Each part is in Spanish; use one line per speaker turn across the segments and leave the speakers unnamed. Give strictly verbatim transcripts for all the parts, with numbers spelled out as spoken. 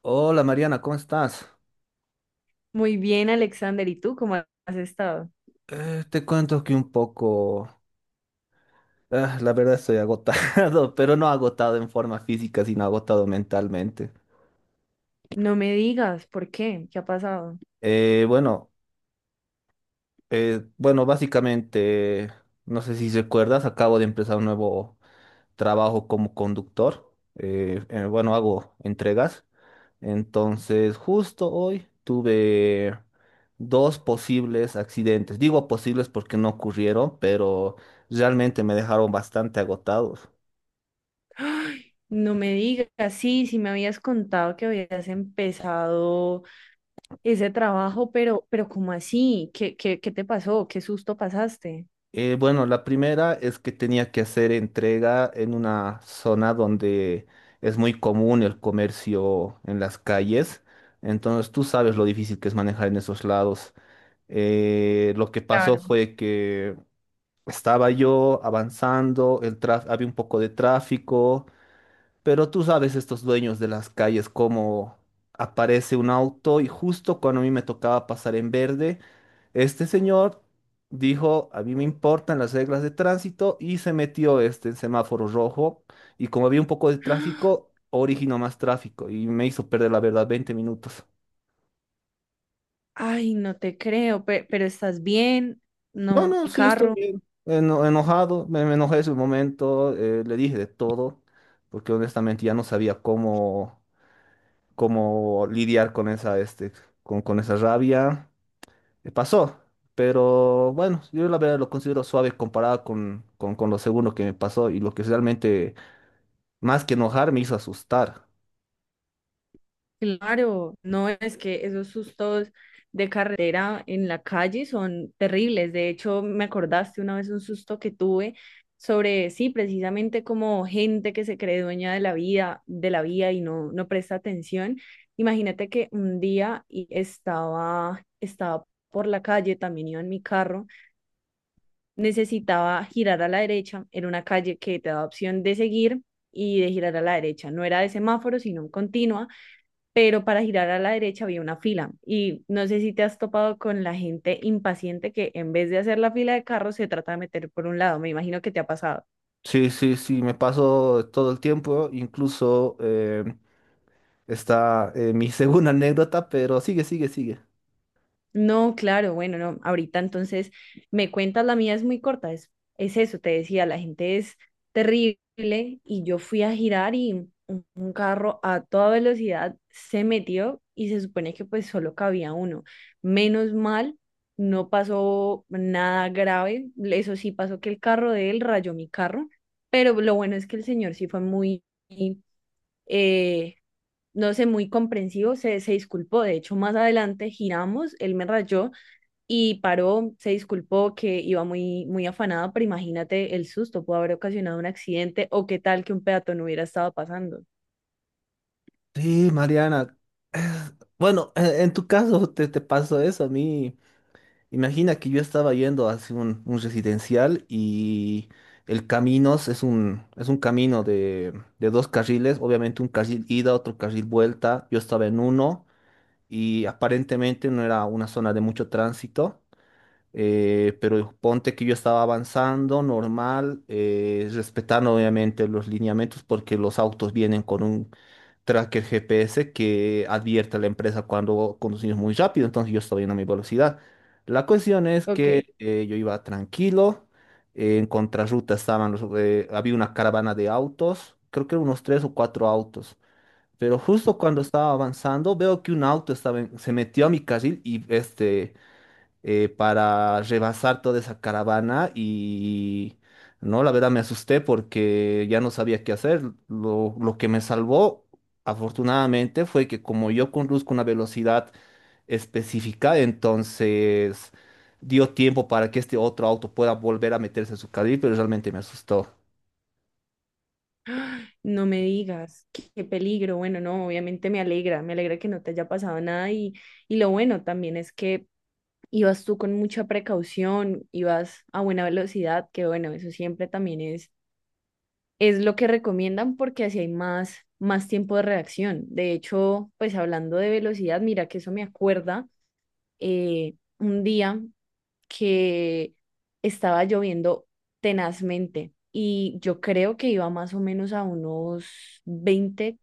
Hola Mariana, ¿cómo estás?
Muy bien, Alexander. ¿Y tú cómo has estado?
Eh, te cuento que un poco, ah, la verdad estoy agotado, pero no agotado en forma física, sino agotado mentalmente.
No me digas, ¿por qué? ¿Qué ha pasado?
Eh, bueno, eh, bueno, básicamente, no sé si recuerdas, acabo de empezar un nuevo trabajo como conductor. Eh, eh, bueno, hago entregas. Entonces, justo hoy tuve dos posibles accidentes. Digo posibles porque no ocurrieron, pero realmente me dejaron bastante agotados.
No me digas, sí, sí me habías contado que habías empezado ese trabajo, pero, pero ¿cómo así? ¿Qué, qué, qué te pasó? ¿Qué susto pasaste?
Eh, bueno, la primera es que tenía que hacer entrega en una zona donde es muy común el comercio en las calles. Entonces, tú sabes lo difícil que es manejar en esos lados. Eh, lo que pasó
Claro.
fue que estaba yo avanzando. El traf- había un poco de tráfico. Pero tú sabes estos dueños de las calles, cómo aparece un auto y justo cuando a mí me tocaba pasar en verde, este señor dijo, a mí me importan las reglas de tránsito, y se metió este en semáforo rojo. Y como había un poco de tráfico, originó más tráfico y me hizo perder, la verdad, 20 minutos.
Ay, no te creo, pe- pero, estás bien,
No,
no,
no,
el
sí estoy
carro.
bien. Eno- enojado, me, me enojé ese momento. Eh, le dije de todo, porque honestamente ya no sabía cómo cómo lidiar con esa, este, con, con esa rabia. Eh, Pasó, pero bueno, yo la verdad lo considero suave comparado con, con, con lo segundo que me pasó y lo que realmente, más que enojar, me hizo asustar.
Claro, no es que esos sustos de carretera en la calle son terribles. De hecho, me acordaste una vez un susto que tuve sobre, sí, precisamente como gente que se cree dueña de la vida, de la vía y no, no presta atención. Imagínate que un día y estaba, estaba por la calle, también iba en mi carro, necesitaba girar a la derecha, era una calle que te da opción de seguir y de girar a la derecha. No era de semáforo, sino en continua, pero para girar a la derecha había una fila y no sé si te has topado con la gente impaciente que, en vez de hacer la fila de carros, se trata de meter por un lado. Me imagino que te ha pasado.
Sí, sí, sí, me pasó todo el tiempo. Incluso eh, está eh, mi segunda anécdota, pero sigue, sigue, sigue.
No, claro, bueno, no, ahorita entonces me cuentas. La mía es muy corta, es, es eso, te decía, la gente es terrible. Y yo fui a girar y un, un carro a toda velocidad se metió, y se supone que pues solo cabía uno. Menos mal, no pasó nada grave. Eso sí, pasó que el carro de él rayó mi carro, pero lo bueno es que el señor sí fue muy... eh, no sé, muy comprensivo, se, se disculpó. De hecho, más adelante giramos, él me rayó y paró, se disculpó que iba muy, muy afanada, pero imagínate el susto. Pudo haber ocasionado un accidente, o qué tal que un peatón no hubiera estado pasando.
Sí, Mariana. Bueno, en, en tu caso te, te pasó eso. A mí, imagina que yo estaba yendo hacia un, un residencial, y el camino es un, es un camino de, de dos carriles, obviamente un carril ida, otro carril vuelta. Yo estaba en uno y aparentemente no era una zona de mucho tránsito. Eh, pero ponte que yo estaba avanzando normal, eh, respetando obviamente los lineamientos, porque los autos vienen con un tracker G P S que advierte a la empresa cuando conducimos muy rápido. Entonces yo estaba yendo a mi velocidad. La cuestión es
Ok,
que eh, yo iba tranquilo. Eh, en contrarruta estaban los, eh, había una caravana de autos, creo que unos tres o cuatro autos. Pero justo cuando estaba avanzando, veo que un auto estaba en- se metió a mi carril, y este eh, para rebasar toda esa caravana. Y no, la verdad me asusté, porque ya no sabía qué hacer. Lo, lo que me salvó, afortunadamente, fue que como yo conduzco una velocidad específica, entonces dio tiempo para que este otro auto pueda volver a meterse en su carril. Pero realmente me asustó.
no me digas, qué, qué peligro. Bueno, no, obviamente me alegra, me alegra que no te haya pasado nada. Y y lo bueno también es que ibas tú con mucha precaución, ibas a buena velocidad, que bueno, eso siempre también es, es lo que recomiendan, porque así hay más, más tiempo de reacción. De hecho, pues hablando de velocidad, mira que eso me acuerda eh, un día que estaba lloviendo tenazmente, y yo creo que iba más o menos a unos veinte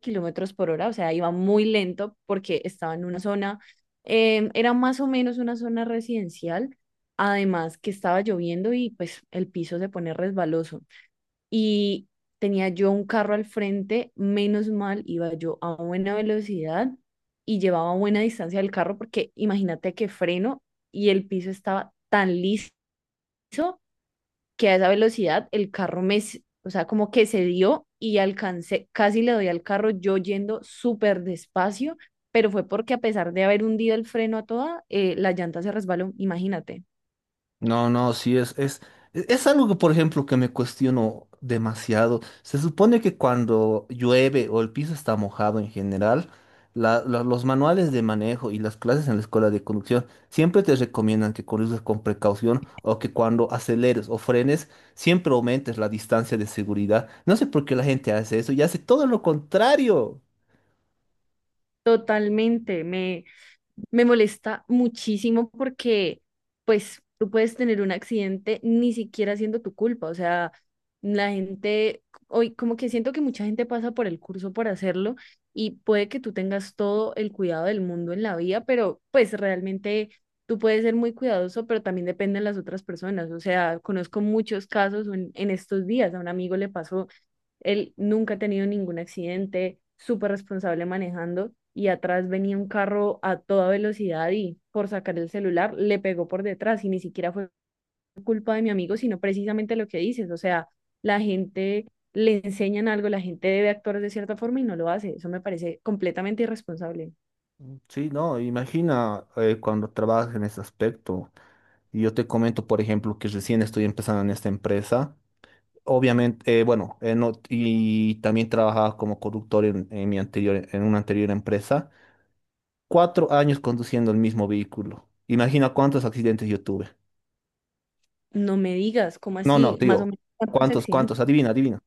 kilómetros por hora, O sea, iba muy lento porque estaba en una zona, em, era más o menos una zona residencial, además que estaba lloviendo y pues el piso se pone resbaloso. Y tenía yo un carro al frente, menos mal, iba yo a buena velocidad y llevaba buena distancia del carro, porque imagínate que freno y el piso estaba tan liso que a esa velocidad el carro me, s- o sea, como que se dio y alcancé, casi le doy al carro yo yendo súper despacio, pero fue porque, a pesar de haber hundido el freno a toda, eh, la llanta se resbaló. Imagínate.
No, no, sí, es, es, es algo que, por ejemplo, que me cuestiono demasiado. Se supone que cuando llueve o el piso está mojado en general, la- la- los manuales de manejo y las clases en la escuela de conducción siempre te recomiendan que conduzcas con precaución, o que cuando aceleres o frenes, siempre aumentes la distancia de seguridad. No sé por qué la gente hace eso y hace todo lo contrario.
Totalmente, me, me molesta muchísimo porque, pues, tú puedes tener un accidente ni siquiera siendo tu culpa. O sea, la gente, hoy como que siento que mucha gente pasa por el curso por hacerlo, y puede que tú tengas todo el cuidado del mundo en la vía, pero pues realmente tú puedes ser muy cuidadoso, pero también depende de las otras personas. O sea, conozco muchos casos en, en, estos días. A un amigo le pasó, él nunca ha tenido ningún accidente, súper responsable manejando, y atrás venía un carro a toda velocidad y, por sacar el celular, le pegó por detrás. Y ni siquiera fue culpa de mi amigo, sino precisamente lo que dices. O sea, la gente, le enseñan algo, la gente debe actuar de cierta forma y no lo hace. Eso me parece completamente irresponsable.
Sí, no, imagina eh, cuando trabajas en ese aspecto. Y yo te comento, por ejemplo, que recién estoy empezando en esta empresa. Obviamente, eh, bueno, eh, no- y también trabajaba como conductor en, en mi anterior, en una anterior empresa. Cuatro años conduciendo el mismo vehículo. Imagina cuántos accidentes yo tuve.
No me digas, ¿cómo
No, no,
así?
te
Más o
digo,
menos, ¿cuántos
cuántos, cuántos,
accidentes?
adivina, adivina.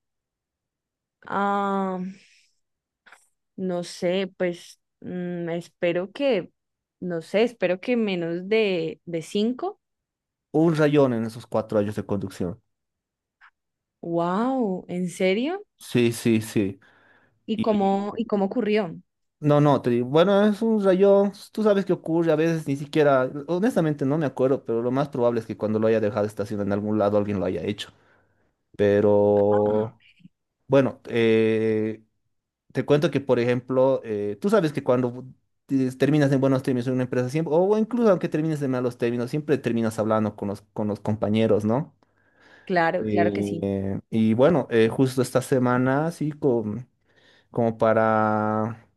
Ah, no sé, pues mm, espero que, no sé, espero que menos de, de cinco.
Un rayón en esos cuatro años de conducción.
Wow, ¿en serio?
Sí, sí, sí.
¿Y
Y
cómo, y cómo ocurrió?
no, no, te digo, bueno, es un rayón. Tú sabes qué ocurre, a veces ni siquiera, honestamente, no me acuerdo, pero lo más probable es que cuando lo haya dejado estacionado en algún lado alguien lo haya hecho.
Ah.
Pero bueno, eh, te cuento que, por ejemplo, eh, tú sabes que cuando te- terminas en buenos términos en una empresa siempre, o incluso aunque termines en malos términos, siempre terminas hablando con los, con los compañeros, ¿no?
Claro, claro que sí.
Eh, y bueno, eh, justo esta semana, sí, con- como para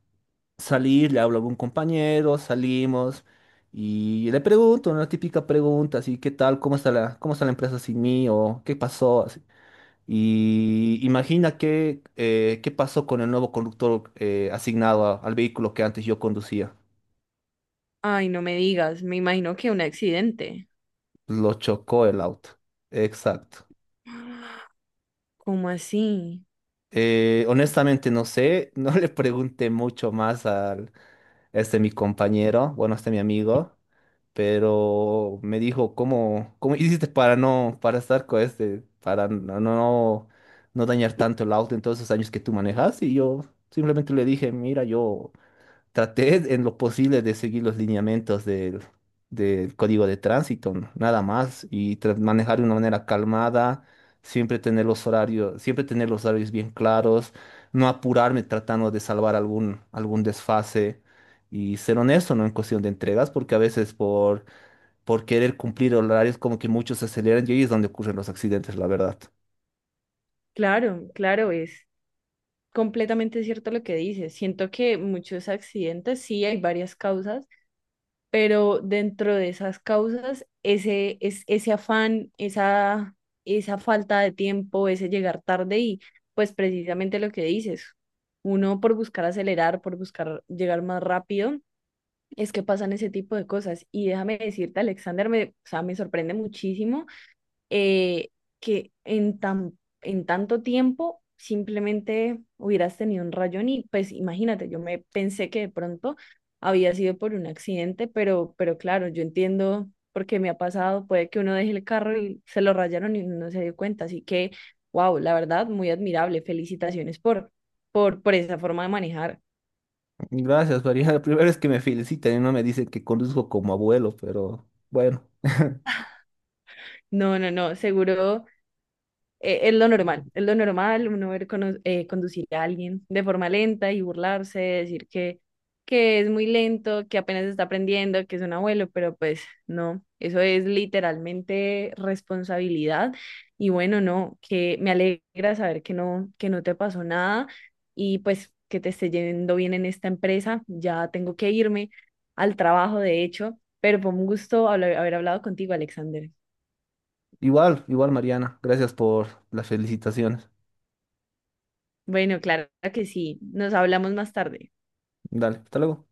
salir, le hablo a algún compañero, salimos y le pregunto una típica pregunta, así: ¿qué tal? ¿Cómo está la, cómo está la empresa sin mí? ¿O qué pasó? Así. Y imagina qué, eh, qué pasó con el nuevo conductor eh, asignado a- al vehículo que antes yo conducía.
Ay, no me digas, me imagino que un accidente.
Lo chocó el auto. Exacto.
¿Cómo así?
Eh, honestamente no sé, no le pregunté mucho más al, a este mi compañero, bueno, a este mi amigo. Pero me dijo, ¿cómo, cómo hiciste para no, para estar con este, para no, no, no dañar tanto el auto en todos esos años que tú manejas? Y yo simplemente le dije, mira, yo traté en lo posible de seguir los lineamientos del, del código de tránsito, n- nada más. Y tra- manejar de una manera calmada, siempre tener los horarios, siempre tener los horarios bien claros, no apurarme tratando de salvar algún, algún desfase. Y ser honesto, ¿no? En cuestión de entregas, porque a veces por, por, querer cumplir horarios, como que muchos se aceleran, y ahí es donde ocurren los accidentes, la verdad.
Claro, claro, es completamente cierto lo que dices. Siento que muchos accidentes, sí, hay varias causas, pero dentro de esas causas, ese, es, ese afán, esa, esa falta de tiempo, ese llegar tarde. Y pues, precisamente lo que dices, uno por buscar acelerar, por buscar llegar más rápido, es que pasan ese tipo de cosas. Y déjame decirte, Alexander, me, o sea, me sorprende muchísimo eh, que en tan, en tanto tiempo simplemente hubieras tenido un rayón. Y pues imagínate, yo me pensé que de pronto había sido por un accidente, pero, pero, claro, yo entiendo porque me ha pasado, puede que uno deje el carro y se lo rayaron y uno no se dio cuenta. Así que, wow, la verdad, muy admirable, felicitaciones por, por, por, esa forma de manejar.
Gracias, María. La primera vez que me felicitan y no me dicen que conduzco como abuelo, pero bueno.
No, no, no, seguro. Eh, es lo normal, es lo normal uno ver cono- eh, conducir a alguien de forma lenta y burlarse, decir que, que, es muy lento, que apenas está aprendiendo, que es un abuelo, pero pues no, eso es literalmente responsabilidad. Y bueno, no, que me alegra saber que no, que no te pasó nada, y pues que te esté yendo bien en esta empresa. Ya tengo que irme al trabajo, de hecho, pero fue un gusto habla- haber hablado contigo, Alexander.
Igual, igual, Mariana, gracias por las felicitaciones.
Bueno, claro que sí. Nos hablamos más tarde.
Dale, hasta luego.